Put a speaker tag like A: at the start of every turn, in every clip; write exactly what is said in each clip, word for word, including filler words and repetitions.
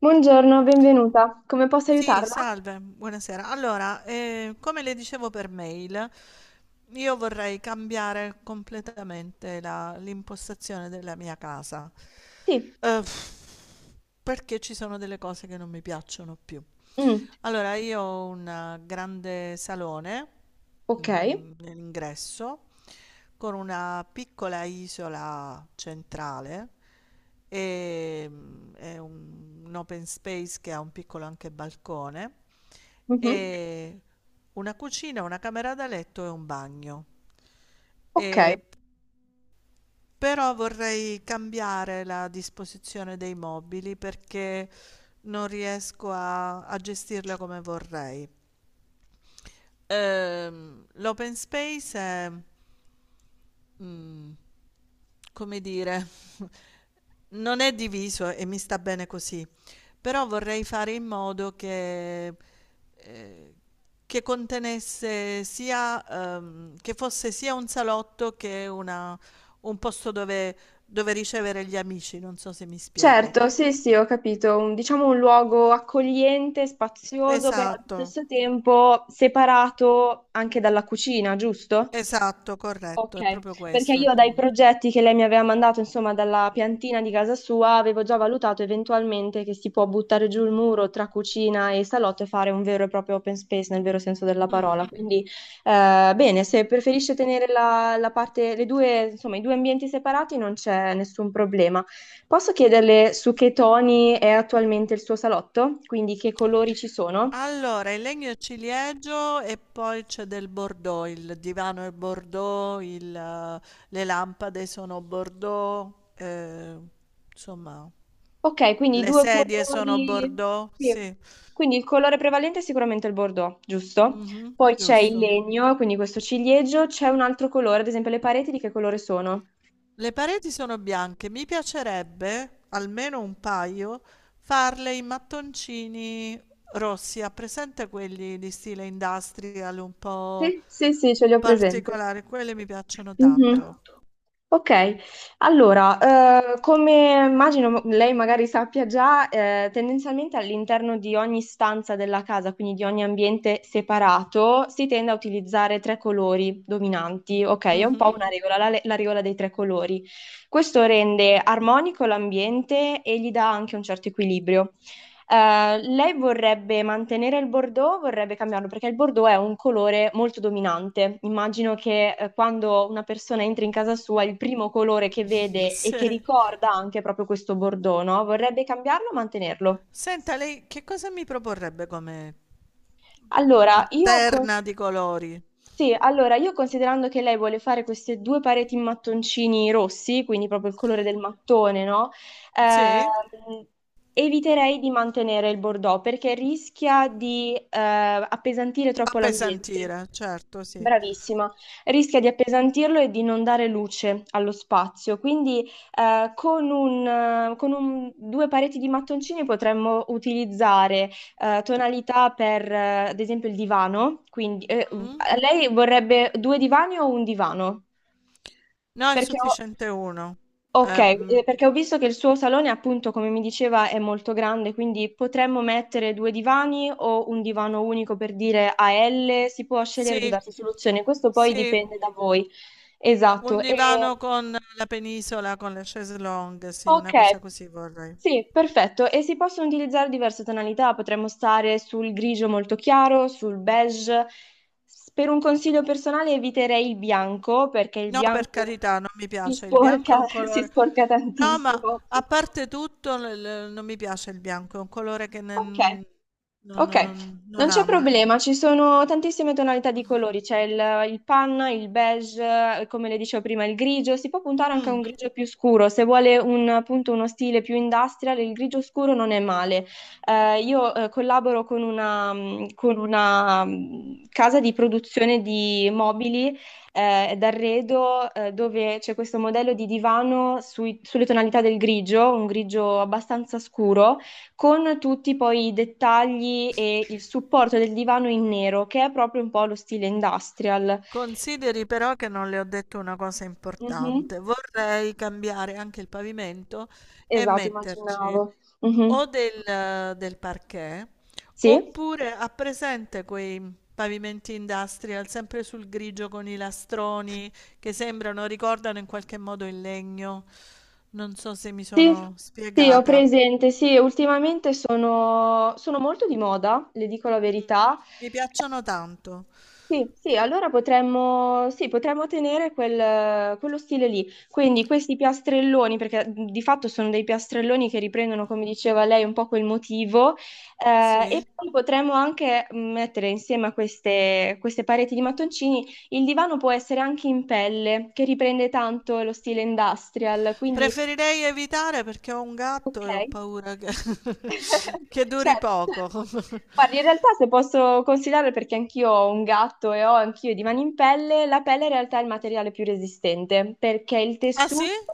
A: Buongiorno, benvenuta. Come posso
B: Sì,
A: aiutarla?
B: salve, buonasera. Allora, eh, come le dicevo per mail, io vorrei cambiare completamente la- l'impostazione della mia casa.
A: Sì.
B: Eh, Perché ci sono delle cose che non mi piacciono più.
A: Mm,
B: Allora, io ho un eh, grande salone,
A: ok.
B: mm, nell'ingresso con una piccola isola centrale, e mm, è un, un open space che ha un piccolo anche balcone
A: Mhm.
B: e una cucina, una camera da letto e un bagno.
A: Ok.
B: E però vorrei cambiare la disposizione dei mobili perché non riesco a, a gestirla come vorrei. Ehm, l'open space è, mm, come dire, non è diviso e mi sta bene così, però vorrei fare in modo che, eh, che contenesse sia, ehm, che fosse sia un salotto che una- un posto dove, dove ricevere gli amici, non so se mi spiego.
A: Certo, sì, sì, ho capito. Un- diciamo un luogo accogliente, spazioso, però allo
B: Esatto,
A: stesso tempo separato anche dalla cucina, giusto?
B: esatto,
A: Ok,
B: corretto, è proprio
A: perché
B: questo il
A: io dai
B: punto.
A: progetti che lei mi aveva mandato, insomma, dalla piantina di casa sua, avevo già valutato eventualmente che si può buttare giù il muro tra cucina e salotto e fare un vero e proprio open space nel vero senso della
B: Mm.
A: parola. Quindi, eh, bene, se preferisce tenere la, la parte, le due, insomma, i due ambienti separati non c'è nessun problema. Posso chiederle su che toni è attualmente il suo salotto? Quindi che colori ci sono?
B: Allora, il legno ciliegio e poi c'è del Bordeaux, il divano è Bordeaux, il, eh, le lampade sono Bordeaux, eh, insomma,
A: Ok, quindi i
B: le
A: due
B: sedie sono
A: colori.
B: Bordeaux,
A: Sì.
B: sì.
A: Quindi il colore prevalente è sicuramente il bordeaux, giusto?
B: Mhm,
A: Poi c'è il
B: giusto.
A: legno, quindi questo ciliegio, c'è un altro colore, ad esempio le pareti di che colore sono?
B: Le pareti sono bianche, mi piacerebbe, almeno un paio, farle in mattoncini rossi, ha presente quelli di stile industrial un po'
A: Sì, sì, sì, ce li ho presente.
B: particolari, quelli mi piacciono
A: Mhm.
B: tanto.
A: Ok, allora, eh, come immagino lei magari sappia già, eh, tendenzialmente all'interno di ogni stanza della casa, quindi di ogni ambiente separato, si tende a utilizzare tre colori dominanti. Ok, è un
B: Mhm.
A: po' una regola, la, la regola dei tre colori. Questo rende armonico l'ambiente e gli dà anche un certo equilibrio. Eh, lei vorrebbe mantenere il bordeaux, vorrebbe cambiarlo perché il bordeaux è un colore molto dominante. Immagino che eh, quando una persona entra in casa sua, il primo colore che vede e che
B: Se-
A: ricorda anche è proprio questo bordeaux, no? Vorrebbe cambiarlo o mantenerlo?
B: Senta, lei che cosa mi proporrebbe come t-
A: Allora, io con...
B: terna di colori?
A: Sì, allora io considerando che lei vuole fare queste due pareti in mattoncini rossi, quindi proprio il colore del mattone, no?
B: Sì?
A: Ehm, Eviterei di mantenere il bordeaux perché rischia di eh, appesantire troppo l'ambiente.
B: Appesantire, certo, sì.
A: Bravissima, rischia di appesantirlo e di non dare luce allo spazio, quindi eh, con un, eh, con un- due pareti di mattoncini potremmo utilizzare eh, tonalità per, eh, ad esempio, il divano, quindi eh,
B: Mm?
A: lei vorrebbe due divani o un divano?
B: No, è
A: Perché ho...
B: sufficiente uno.
A: Ok,
B: Eh, mm,
A: eh, perché ho visto che il suo salone, appunto, come mi diceva, è molto grande, quindi potremmo mettere due divani o un divano unico per dire a L, si può
B: sì,
A: scegliere diverse soluzioni, questo poi
B: sì,
A: dipende da voi.
B: un
A: Esatto. E...
B: divano con la penisola, con le chaise longue, sì,
A: Ok,
B: una cosa così vorrei.
A: sì, perfetto. E si possono utilizzare diverse tonalità, potremmo stare sul grigio molto chiaro, sul beige. S- Per un consiglio personale eviterei il bianco, perché il
B: No, per
A: bianco
B: carità, non mi
A: si
B: piace. Il bianco è
A: sporca,
B: un
A: si
B: colore...
A: sporca
B: No, ma
A: tantissimo.
B: a parte tutto, l- l- non mi piace il bianco, è un colore che
A: Ok.
B: nen- non,
A: Ok,
B: non-
A: non
B: non
A: c'è
B: amo.
A: problema, ci sono tantissime tonalità di colori, c'è il, il panna, il beige, eh, come le dicevo prima, il grigio, si può puntare anche a un
B: Mm.
A: grigio più scuro, se vuole un, appunto uno stile più industrial, il grigio scuro non è male. Eh, io eh, collaboro con una, mh, con una, mh, casa di produzione di mobili eh, d'arredo, eh, dove c'è questo modello di divano sui- sulle tonalità del grigio, un grigio abbastanza scuro con tutti poi i dettagli e il supporto del divano in nero, che è proprio un po' lo stile industrial.
B: Consideri però che non le ho detto una cosa
A: Mhm.
B: importante. Vorrei cambiare anche il pavimento e
A: Esatto, immaginavo.
B: metterci
A: Mhm.
B: o del, del parquet,
A: Sì?
B: oppure ha presente quei pavimenti industrial sempre sul grigio con i lastroni che sembrano, ricordano in qualche modo il legno. Non so se mi
A: Sì,
B: sono
A: sì, ho
B: spiegata.
A: presente. Sì, ultimamente sono, sono molto di moda, le dico la
B: Mm.
A: verità.
B: Mi piacciono tanto.
A: Sì, sì, allora potremmo, sì, potremmo tenere quel- quello stile lì. Quindi questi piastrelloni, perché di fatto sono dei piastrelloni che riprendono, come diceva lei, un po' quel motivo, eh, e
B: Sì.
A: poi potremmo anche mettere insieme a queste, queste pareti di mattoncini, il divano può essere anche in pelle, che riprende tanto lo stile industrial, quindi
B: Preferirei evitare perché ho un
A: ok.
B: gatto e ho paura che, che duri
A: Certo,
B: poco.
A: certo. Guardi, in realtà se posso considerare, perché anch'io ho un gatto e ho anch'io i divani in pelle, la pelle in realtà è il materiale più resistente, perché il
B: Ah sì?
A: tessuto,
B: Eh,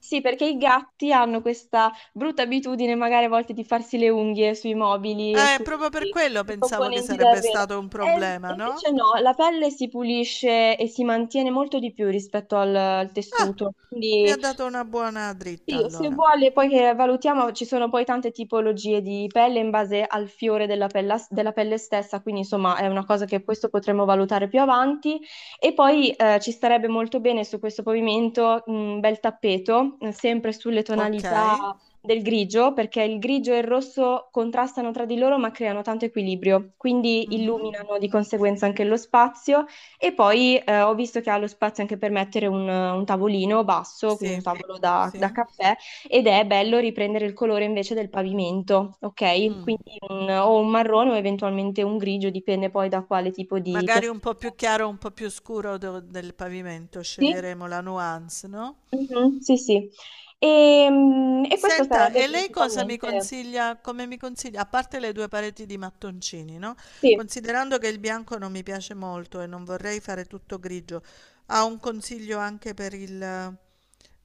A: sì, perché i gatti hanno questa brutta abitudine magari a volte di farsi le unghie sui mobili e sui
B: proprio per quello
A: sui
B: pensavo che
A: componenti
B: sarebbe
A: d'arredo.
B: stato un
A: E e
B: problema, no?
A: invece no, la pelle si pulisce e si mantiene molto di più rispetto al, al tessuto,
B: Mi
A: quindi
B: ha dato una buona dritta
A: sì, se
B: allora.
A: vuole, poi che valutiamo, ci sono poi tante tipologie di pelle in base al fiore della pella- della pelle, stessa, quindi insomma è una cosa che questo potremo valutare più avanti. E poi eh, ci starebbe molto bene su questo pavimento un bel tappeto, eh, sempre sulle
B: Ok.
A: tonalità del grigio, perché il grigio e il rosso contrastano tra di loro ma creano tanto equilibrio, quindi
B: Mhm.
A: illuminano di conseguenza anche lo spazio e poi eh, ho visto che ha lo spazio anche per mettere un, un tavolino basso, quindi
B: Sì,
A: un tavolo da, da
B: sì.
A: caffè, ed è bello riprendere il colore invece del pavimento, ok?
B: Mm.
A: Quindi un- o un marrone o eventualmente un grigio, dipende poi da quale tipo di
B: Magari
A: piastrella.
B: un po' più chiaro, un po' più scuro do- del pavimento,
A: Sì,
B: sceglieremo la nuance, no?
A: mhm, sì, sì. E, mm, e questo
B: Senta,
A: sarebbe
B: e lei cosa mi
A: principalmente,
B: consiglia come mi consiglia a parte le due pareti di mattoncini, no,
A: sì,
B: considerando che il bianco non mi piace molto e non vorrei fare tutto grigio, ha un consiglio anche per il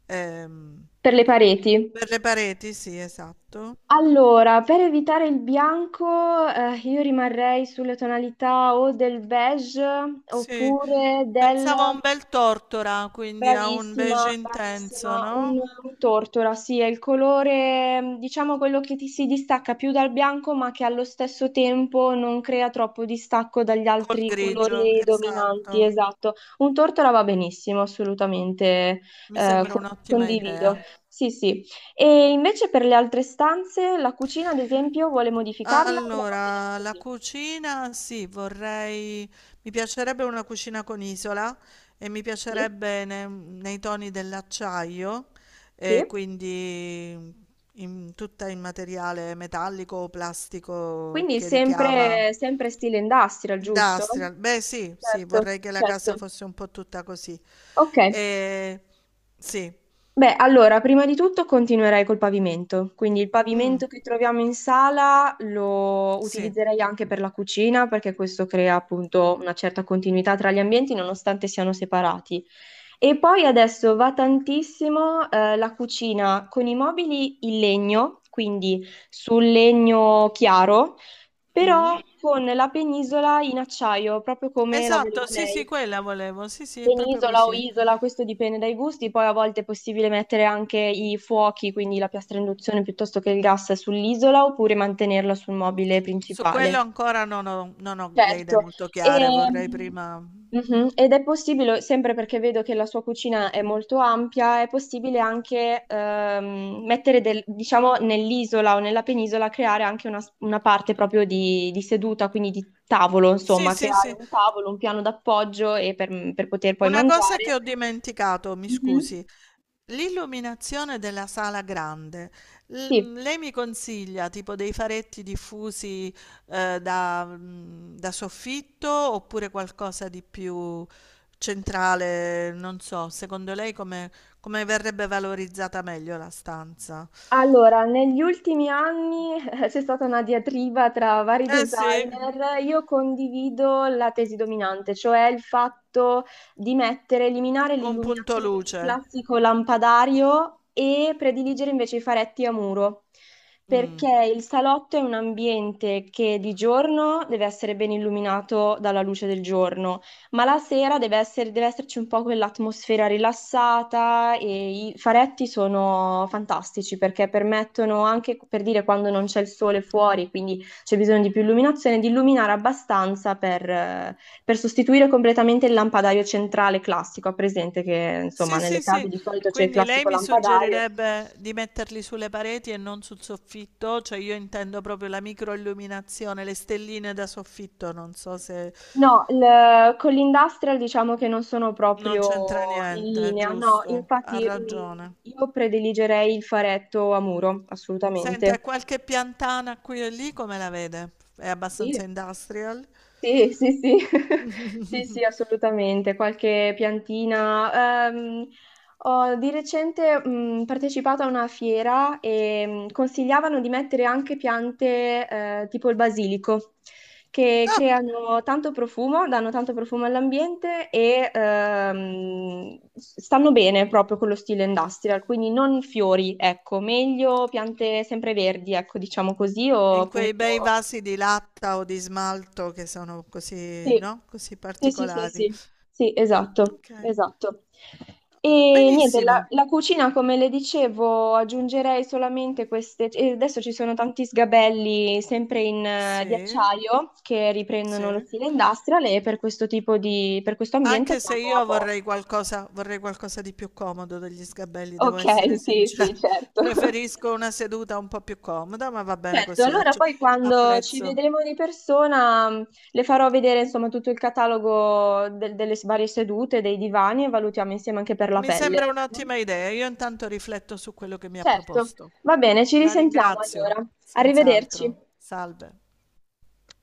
B: ehm
A: per le pareti.
B: per le pareti? Sì, esatto.
A: Allora, per evitare il bianco, eh, io rimarrei sulle tonalità o del beige
B: Sì,
A: oppure del...
B: pensavo a un bel tortora, quindi a un beige
A: Bravissima,
B: intenso,
A: bravissima. Un,
B: no,
A: un tortora, sì, è il colore, diciamo quello che ti si distacca più dal bianco, ma che allo stesso tempo non crea troppo distacco dagli
B: col
A: altri
B: grigio,
A: colori dominanti,
B: esatto.
A: esatto. Un tortora va benissimo, assolutamente,
B: Mi
A: eh,
B: sembra
A: con-
B: un'ottima
A: condivido.
B: idea.
A: Sì, sì. E invece per le altre stanze, la cucina, ad esempio, vuole modificarla o la manteniamo
B: Allora, la
A: così?
B: cucina, sì, vorrei, mi piacerebbe una cucina con isola e mi
A: Sì.
B: piacerebbe ne- nei toni dell'acciaio, e
A: Sì.
B: quindi in- tutta in materiale metallico o plastico
A: Quindi
B: che richiama
A: sempre, sempre stile industrial, giusto?
B: industrial. Beh, sì, sì,
A: Certo,
B: vorrei che la casa
A: certo.
B: fosse un po' tutta così.
A: Ok,
B: E, sì,
A: beh, allora, prima di tutto continuerei col pavimento, quindi il
B: mm,
A: pavimento che troviamo in sala lo
B: sì.
A: utilizzerei anche per la cucina perché questo crea appunto una certa continuità tra gli ambienti nonostante siano separati. E poi adesso va tantissimo eh, la cucina con i mobili in legno, quindi sul legno chiaro, però
B: Mm.
A: con la penisola in acciaio, proprio come la voleva
B: Esatto, sì,
A: lei.
B: sì, quella volevo, sì, sì, è proprio
A: Penisola o
B: così.
A: isola, questo dipende dai gusti, poi a volte è possibile mettere anche i fuochi, quindi la piastra a induzione piuttosto che il gas sull'isola oppure mantenerla sul mobile
B: Su
A: principale.
B: quello ancora non ho, non ho le idee
A: Certo,
B: molto chiare, vorrei
A: Ehm,
B: prima,
A: mhm, Ed è possibile, sempre perché vedo che la sua cucina è molto ampia, è possibile anche ehm, mettere, del- diciamo, nell'isola o nella penisola, creare anche una, una parte proprio di, di seduta, quindi di tavolo,
B: sì,
A: insomma,
B: sì,
A: creare
B: sì.
A: un tavolo, un piano d'appoggio e per per poter poi
B: Una cosa
A: mangiare.
B: che ho dimenticato, mi
A: Mhm.
B: scusi, l'illuminazione della sala grande.
A: Sì,
B: L- lei mi consiglia tipo dei faretti diffusi, ehm, da mhmm, da soffitto, oppure qualcosa di più centrale, non so, secondo lei come come verrebbe valorizzata meglio la stanza?
A: allora, negli ultimi anni eh, c'è stata una diatriba tra vari
B: Eh sì,
A: designer. Io condivido la tesi dominante, cioè il fatto di mettere, eliminare
B: un punto
A: l'illuminazione, quindi il
B: luce.
A: classico lampadario, e prediligere invece i faretti a muro.
B: Mh.
A: Perché il salotto è un ambiente che di giorno deve essere ben illuminato dalla luce del giorno ma la sera deve essere- deve esserci un po' quell'atmosfera rilassata e i faretti sono fantastici perché permettono anche, per dire, quando non c'è il sole fuori, quindi c'è bisogno di più illuminazione, di illuminare abbastanza per, eh, per sostituire completamente il lampadario centrale classico. Ha presente che, insomma,
B: Sì,
A: nelle
B: sì,
A: case
B: sì.
A: di solito c'è il
B: Quindi lei
A: classico
B: mi
A: lampadario.
B: suggerirebbe di metterli sulle pareti e non sul soffitto, cioè io intendo proprio la microilluminazione, le stelline da soffitto, non so se
A: No, il- con l'industrial diciamo che non sono
B: non
A: proprio
B: c'entra
A: in
B: niente,
A: linea, no,
B: giusto? Ha
A: infatti mh,
B: ragione.
A: io prediligerei il faretto a muro, assolutamente.
B: Senta, qualche piantana qui e lì come la vede? È abbastanza
A: Sì.
B: industrial?
A: Sì, sì, sì, sì, sì, assolutamente, qualche piantina. Ehm, ho di recente mh, partecipato a una fiera e mh, consigliavano di mettere anche piante eh, tipo il basilico, che
B: Ah,
A: creano tanto profumo, danno tanto profumo all'ambiente e ehm, stanno bene proprio con lo stile industrial, quindi non fiori, ecco, meglio piante sempre verdi, ecco, diciamo così, o
B: in quei
A: appunto
B: bei vasi di latta o di smalto che sono così,
A: sì,
B: no? Così
A: sì, sì, sì,
B: particolari.
A: sì, sì, esatto,
B: Ok.
A: esatto. E niente, la,
B: Benissimo.
A: la cucina, come le dicevo, aggiungerei solamente queste. E adesso ci sono tanti sgabelli sempre in, eh, di
B: Sì,
A: acciaio che riprendono lo
B: sì.
A: stile industrial e per questo tipo di, per questo ambiente
B: Anche se
A: siamo a
B: io vorrei
A: posto.
B: qualcosa, vorrei qualcosa di più comodo degli sgabelli, devo
A: Ok,
B: essere
A: sì,
B: sincera.
A: sì, certo.
B: Preferisco una seduta un po' più comoda, ma va bene
A: Certo,
B: così,
A: allora
B: acce
A: poi quando ci
B: apprezzo.
A: vedremo di persona mh, le farò vedere insomma tutto il catalogo del- delle varie sedute, dei divani e valutiamo insieme anche per la
B: Mi
A: pelle.
B: sembra un'ottima idea, io intanto rifletto su quello che mi ha
A: Certo,
B: proposto.
A: va bene, ci
B: La
A: risentiamo allora.
B: ringrazio,
A: Arrivederci.
B: senz'altro. Salve.